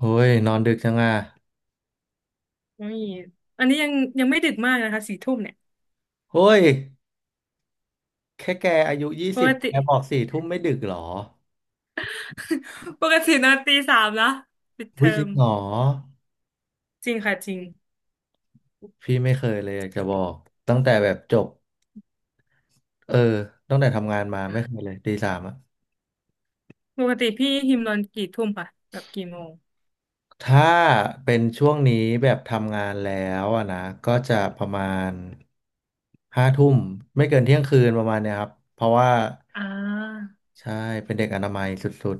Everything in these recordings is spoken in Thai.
เฮ้ยนอนดึกจังอ่ะอุ้ยอันนี้ยังไม่ดึกมากนะคะ4 ทุ่มเนี่ยเฮ้ยแค่แกอายุยี่ปสิกบติ แกบอกสี่ทุ่มไม่ดึกเหรอ ปกตินอนตี 3นะปิดเทอุ้อยจริมงเหรอจริงค่ะจริงพี่ไม่เคยเลยอยากจะบอกตั้งแต่แบบจบเออตั้งแต่ทำงานมาไม่เคยเลยตีสามอะปกติพี่ฮิมนอนกี่ทุ่มค่ะแบบกี่โมงถ้าเป็นช่วงนี้แบบทำงานแล้วอะนะก็จะประมาณห้าทุ่มไม่เกินเที่ยงคืนประมาณเนี้ยครับเพราะว่าอ่า ใช่เป็นเด็กอนามัยสุด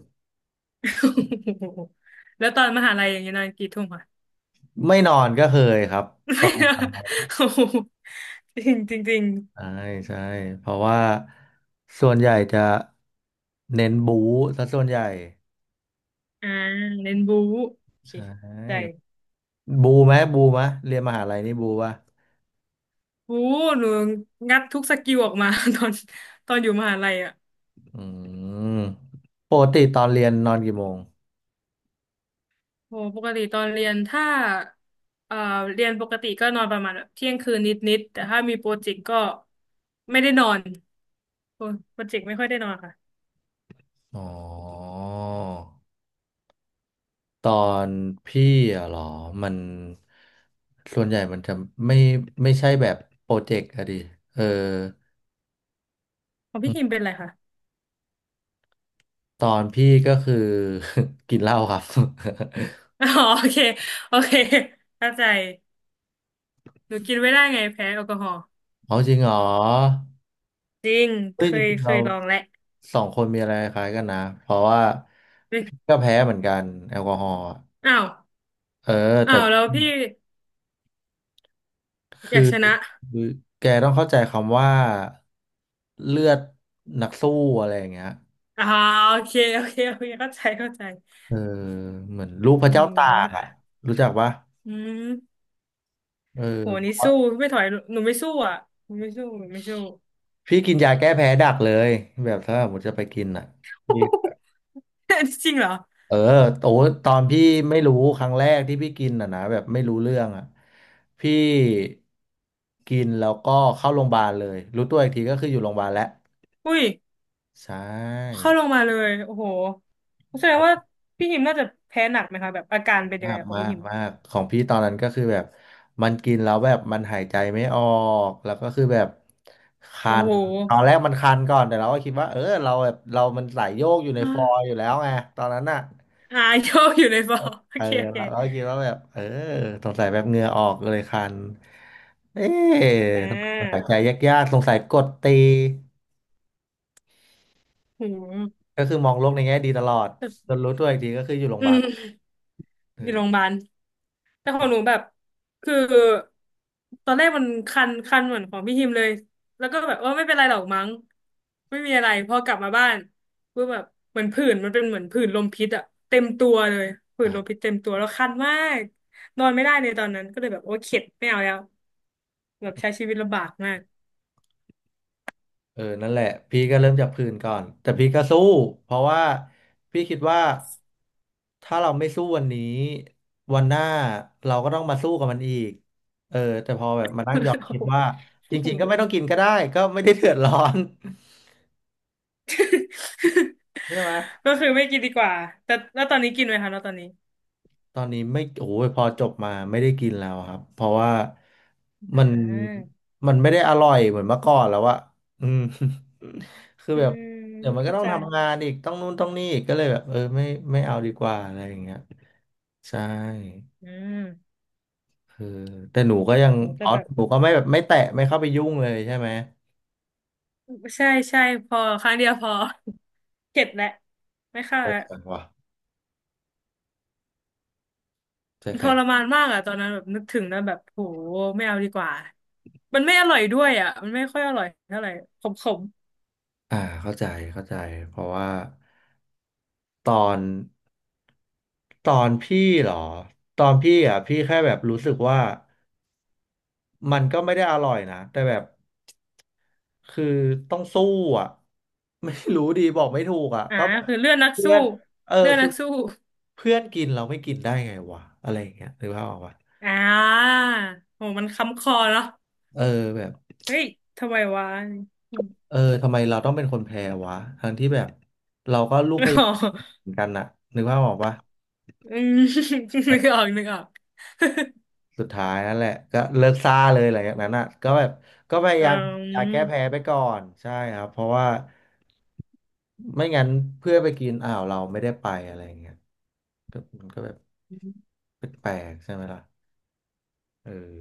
แล้วตอนมหาลัยอย่างเงี้ยนอนกี่ทุ่มค่ะ ๆไม่นอนก็เคยครับ โอ้โห จริงจริงจริงใช่ใช่เพราะว่าส่วนใหญ่จะเน้นบู๊ซะส่วนใหญ่อ่าเน้นบู๊โอเคใชใจ่บูไหมบูไหมเรียนมหาลัยนี่บูป่ะบู๊หนูงัดทุกสกิลออกมา ตอนตอนอยู่มหาลัยอ่ะ อืมปกติตอนเรียนนอนกี่โมงโหปกติตอนเรียนถ้าเอ่อเรียนปกติก็นอนประมาณแบบเที่ยงคืนนิดๆแต่ถ้ามีโปรเจกต์ก็ไม่ได้นอนโอ้โปรเจกต์ไม่ค่อยได้นอนค่ะอ๋อตอนพี่อะเหรอมันส่วนใหญ่มันจะไม่ไม่ใช่แบบโปรเจกต์อะดิเออของพี่คิมเป็นอะไรคะ ตอนพี่ก็คือ กินเหล้าครับ อ๋อโอเคโอเคเข้าใจหนูกินไม่ได้ไงแพ้แอลกอฮอล์เอาจริงเหรอ จริงเคเฮ้ยจยริงๆเราลองแหล้วสองคนมีอะไรคล้ายกันนะเพราะว่าเฮ้ยพี่ก็แพ้เหมือนกันแอลกอฮอล์อะอ้าวเอออ้าแต่วแล้วพี่อคือยากชนะคือแกต้องเข้าใจคำว่าเลือดนักสู้อะไรอย่างเงี้ยอ๋อโอเคโอเคโอเคเข้าใจเข้าใจเออเหมือนลูกพโระเจ้าตากหอ่ะรู้จักปะอืมเอโหนี่อสู้ไม่ถอยหนูไม่สู้อ่ะหนูไม่สู้หนูไม่สู้ พี่กินยาแก้แพ้ดักเลยแบบถ้าผมมุติจะไปกินอ่ะ จริงเหรอ เออโอ้ตอนพี่ไม่รู้ครั้งแรกที่พี่กินอ่ะนะแบบไม่รู้เรื่องอ่ะพี่กินแล้วก็เข้าโรงพยาบาลเลยรู้ตัวอีกทีก็คืออยู่โรงพยาบาลแล้วอุ้ย ใช่เข้าลงมาเลย โอ้โหแสเพดงราะว่าพี่หิมน่าจะแพ้หนักไหมคะ แบบอาการเป็นยังมาไงกของมาพี่กหิม มากของพี่ตอนนั้นก็คือแบบมันกินแล้วแบบมันหายใจไม่ออกแล้วก็คือแบบคัโอ้โห นตอนแรกมันคันก่อนแต่เราก็คิดว่าเออเราแบบเรามันสายโยกอยู่ ในอ่าฟอยล์อยู่แล้วไงตอนนั้นน่ะ อ่าโยกอยู่ใน ฟอร์ โอเออเคโอเค เราก็คิดว่าแบบเออสงสัยแบบเหงื่อออกเลยคันเอ๊ะอ่สงสัยาใจยากๆสงสัยกดตีโอ้โหก็คือมองโลกในแง่ดีตลอดจนรู้ตัวอีกทีก็คืออยู่โรงพอืยาบาลมเออยู่อโรงพยาบาล แต่ขตองนหนูแบบคือตอนแรกมันคันเหมือนของพี่ฮิมเลยแล้วก็แบบเออไม่เป็นไรหรอกมั้งไม่มีอะไรพอกลับมาบ้านก็แบบเหมือนผื่นมันเป็นเหมือนผื่นลมพิษอะเต็มตัวเลยผื่นอ่ะลมพิษเต็มตัวแล้วคันมากนอนไม่ได้ในตอนนั้นก็เลยแบบโอ้เข็ดไม่เอาแล้วแบบใช้ชีวิตลำบากมาก เออนั่นแหละพี่ก็เริ่มจากพื้นก่อนแต่พี่ก็สู้เพราะว่าพี่คิดว่าถ้าเราไม่สู้วันนี้วันหน้าเราก็ต้องมาสู้กับมันอีกเออแต่พอแบบมานั่งย้อนคิดว่า จโอ้โหริงๆก็ไม่ต้องกินก็ได้ก็ไม่ได้เดือดร้อน ใช่ไหม ก็คือไม่กินดีกว่าแต่แล้วตอนนี้กินไหมคะแล้วตอนนี้ตอนนี้ไม่โอ้ยพอจบมาไม่ได้กินแล้วครับเพราะว่าอ่มันามันไม่ได้อร่อยเหมือนเมื่อก่อนแล้วอะอืม คืออืแบบมเดี๋ยวมันก็เข้าต้องใจทำงานอีกต้องนู่นต้องนี่อีกก็เลยแบบเออไม่ไม่เอาดีกว่าอะไรอย่างเงี้ยใช่อืมคือแต่หนูก็ยังโหแต่อ๋อแบบ หนูก็ไม่แบบไม่แตะไม่เข้าไปยุ่งเลยใช่ไหมใช่ใช่พอครั้งเดียวพอ เข็ดแหละไม่เข้าใจแล้วแข็งว่ะใจทแข็งรมานมากอ่ะตอนนั้นแบบนึกถึงแล้วแบบโหไม่เอาดีกว่ามันไม่อร่อยด้วยอ่ะมันไม่ค่อยอร่อยเท่าไหร่ขมอ่าเข้าใจเข้าใจเพราะว่าตอนตอนพี่เหรอตอนพี่อ่ะพี่แค่แบบรู้สึกว่า มันก็ไม่ได้อร่อยนะแต่แบบคือต้องสู้อ่ะ ไม่รู้ดีบอกไม่ถูกอ่ะๆอ่าก็แบบคือเลือดนักเพื่สู้อนเออเลือดคืนัอกสู้เพื่อนกินเราไม่กินได้ไงวะอะไรอย่างเงี้ยหรือว่าพออกปะอ่าโหมันค้ำคอเนาะเออแบบเฮ้ยทำไมวะอม เออทำไมเราต้องเป็นคนแพ้วะทั้งที่แบบเราก็ลูกพยา อ๋ยาอมเหมือนกันน่ะนึกภาพออกปะ อืมนึกออกนึกออก สุดท้ายนั่นแหละก็เลิกซ่าเลยหลังจากนั้นอ่ะก็แบบก็พยาอืยามอยากแก้แพ้ม ไปก่อนใช่ครับเพราะว่าไม่งั้นเพื่อนไปกินอ้าวเราไม่ได้ไปอะไรอย่างเงี้ยก็มันก็แบบแปลกๆใช่ไหมล่ะเออ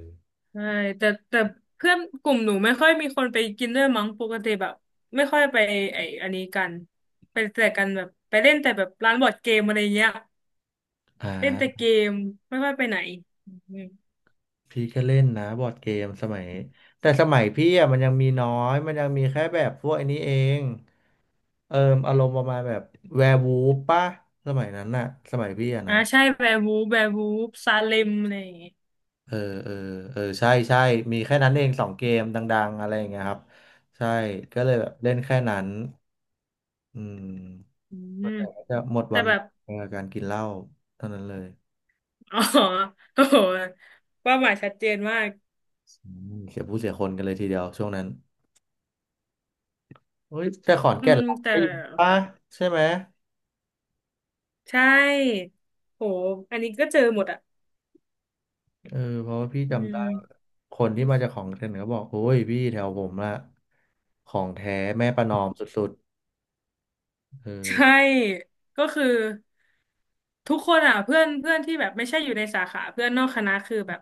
ใช่แต่เพื่อนกลุ่มหนูไม่ค่อยมีคนไปกินด้วยมั้งปกติแบบไม่ค่อยไปไอ้อันนี้กันไปแต่กันแบบไปเล่นแต่แบบร้านบอร์ดเกมอะไรเงี้ยอ่เล่นแต่าเกมไม่ค่อยไปไหนอืมพี่ก็เล่นนะบอร์ดเกมสมัยแต่สมัยพี่อ่ะมันยังมีน้อยมันยังมีแค่แบบพวกไอันนี้เองเอออารมณ์ประมาณแบบแวร์วูฟป่ะสมัยนั้นน่ะสมัยพี่อ่ะอ่านะ ใช่แวร์วูฟแวร์วูฟซาเลมอะไรอย่างเงี้ยเออเออเออใช่ใช่ มีแค่นั้นเองสองเกมดังๆอะไรอย่างเงี้ยครับใช่ก็เลยแบบเล่นแค่นั้นอืมอืมจะหมดแต่วันแบบ กับการกินเหล้าเท่านั้นเลย อ๋อโอ้โหเป้าหมายชัดเจนมากอืมเสียผู้เสียคนกันเลยทีเดียวช่วงนั้นเฮ้ยแต่ขอนอืแก่นมรักแต่ได้อยู่ปะใช่ไหมใช่โหอันนี้ก็เจอหมดอ่ะเออเพราะว่าพี่อืจำได้ม คนที่มาจากของเก่นก็บอกโอ้ยพี่แถวผมละของแท้แม่ประนอมสุดๆเออ ใช่ก็คือทุกคนอ่ะเพื่อนเพื่อนที่แบบไม่ใช่อยู่ในสาขาเพื่อนนอกคณะคือแบบ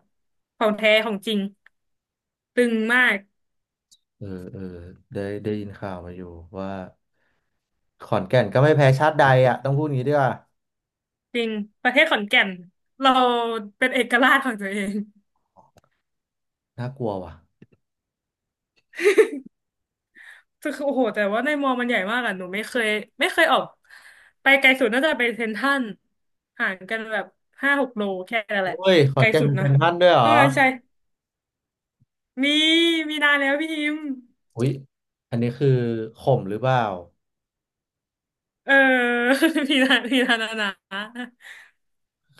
ของแท้ของจริงตึงมากเออเออได้ได้ยินข่าวมาอยู่ว่าขอนแก่นก็ไม่แพ้ชาติใดอ่ะต้องพูดงี้ด้วยว่าจริงประเทศขอนแก่นเราเป็นเอกราชของตัวเองน่ากลัวว่ะคือโอ้โหแต่ว่าในมอมันใหญ่มากอ่ะหนูไม่เคยไม่เคยออกไปไกลสุดน่าจะไปเซ็นทรัลห่างกันแบบ5-6 โลแค่นั้นแหโอ้ละยขอไกนลแก่นสุดเป็นนะเซ็นทรัลด้วยเหรอต้องนั้นใช่มีมีนานแล้วพี่ฮิมอุ้ยอันนี้คือข่มหรือเปล่าเออ พีนาพี่นานนนะ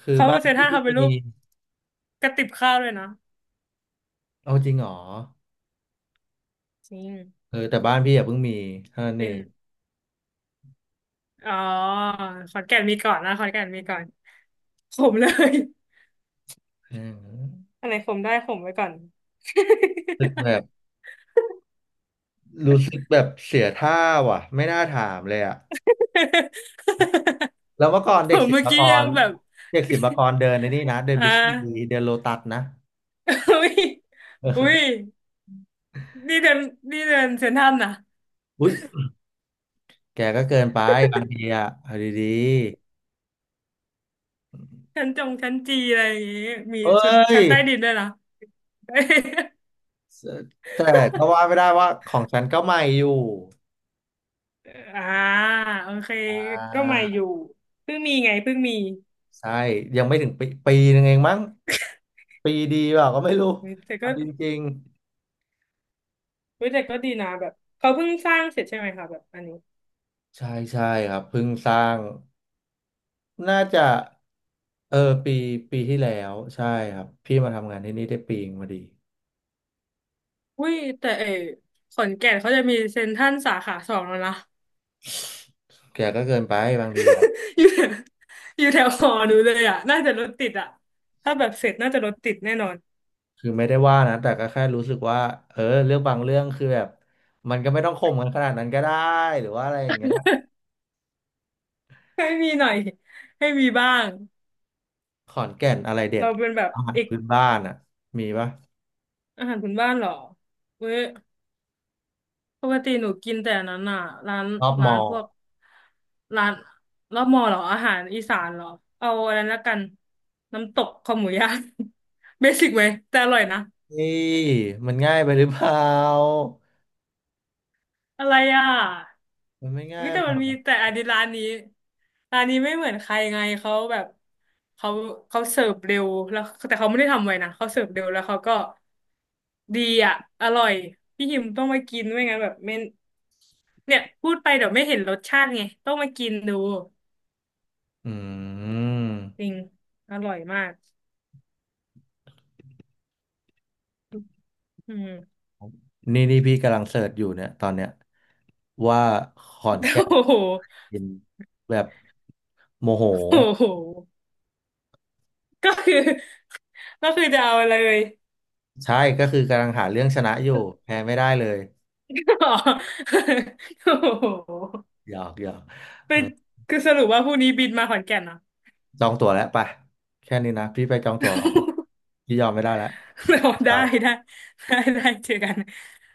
คือเขาบ้านเซนพี่ท่าเพิ่เขางเป็นรูมีปกระติบข้าวเลยนะเอาจริงเหรอจริงเออแต่บ้านพี่อ่ะเพิ่งมีเท่านั้นเอเป็นงอ๋อขอนแก่นมีก่อนนะขอนแก่นมีก่อนขมเลยม่อะไรขมได้ขมไว้ก่อน รู้สึกแบบรู้สึกแบบเสียท่าว่ะไม่น่าถามเลยอ่ะแล้วเมื่อก่อน ผเด็กมศิลเมื่อปากกี้ยัรงแบบ เด็กศิลปากรเดินในนี่นะเดิ นอ่าบิ๊กซีเดินโลตัสนะอุ้ยอุ้ยนี่เดินนี่เดินเซ็นทรัลนะอุ้ย แกก็เกินไปบางทีอะเอาดีชั้นจงชั้นจีอะไรอย่างงี้มีๆเอ้ชุดยชั้นใต้ดินด้วยนะ แต่ก็ว่าไม่ได้ว่าของฉันก็ใหม่อยู่ อ่าโอเคอ่าก็ใหม่อยู่เพิ่งมีไงเพิ่งมีใช่ยังไม่ถึงปีปีหนึงเองมั้งปีดีเปล่าก็ไม่รู้แต่เอาก็ จริงเฮ้ยแต่ก็ดีนะแบบเขาเพิ่งสร้างเสร็จใช่ไหมคะแบบอันนี้ๆใช่ใช่ครับเพิ่งสร้างน่าจะเออปีปีที่แล้วใช่ครับพี่มาทำงานที่นี่ได้ปีเองพอดีอุ้ยแต่เออขอนแก่นเขาจะมีเซ็นทรัลสาขา 2แล้วนะ แกก็เกินไปบางทีอะ อยู่แถวอยู่แถวหอหนูเลยอ่ะน่าจะรถติดอ่ะถ้าแบบเสร็จน่าจะรถติดแน่นอนคือไม่ได้ว่านะแต่ก็แค่รู้สึกว่าเออเรื่องบางเรื่องคือแบบมันก็ไม่ต้องข่มกันขนาดนั้นก็ได้หรือว่าอะไรอย่างเงี้ยให้มีหน่อยให้มีบ้างขอนแก่นอะไรเด็ดเราเป็นแบบอาหารเอกพื้นบ้านอ่ะมีปะอาหารพื้นบ้านเหรอเว้ย ปกติหนูกินแต่อันนั้นอ่ะร้านรอบมอพวกร้านแล้วมอเหรออาหารอีสานเหรอเอาอะไรแล้วกันน้ำตกคอหมูย่าง เบสิกไหมแต่อร่อยนะนี่มันง่ายไปหรือเปล่าอะไรอ่ะมันไม่ง่าวิยแต่ไปมัหรนอมีกแต่อันนี้ร้านนี้ร้านนี้ไม่เหมือนใครไงเขาแบบเขาเขาเสิร์ฟเร็วแล้วแต่เขาไม่ได้ทำไว้นะเขาเสิร์ฟเร็วแล้วเขาก็ดีอ่ะอร่อยพี่หิมต้องมากินไม่งั้นแบบไม่เนี่ยพูดไปเดี๋ยวไม่เห็นรสชาติไงต้องมากินดู อืจมริงอร่อยมากอืมนี่พี่กำลังเสิร์ชอยู่เนี่ยตอนเนี้ยว่าขอนแก่นโอ้โห กินแบบโมโหโอ้โห ก็คือก็คือจะเอาเลย ใช่ก็คือกำลังหาเรื่องชนะอยู่แพ้ไม่ได้เลย อ๋อโอ้โหหยอกหยอก เป็นคือสรุปว่าพรุ่งนี้บินมาขอนแก่นเหรอ จองตั๋วแล้วไปแค่นี้นะพี่ไปจองตั๋วก่อน พี่ยอมไม่ได้แล้วเรา ไปได้ได้ได้ได้เจอกัน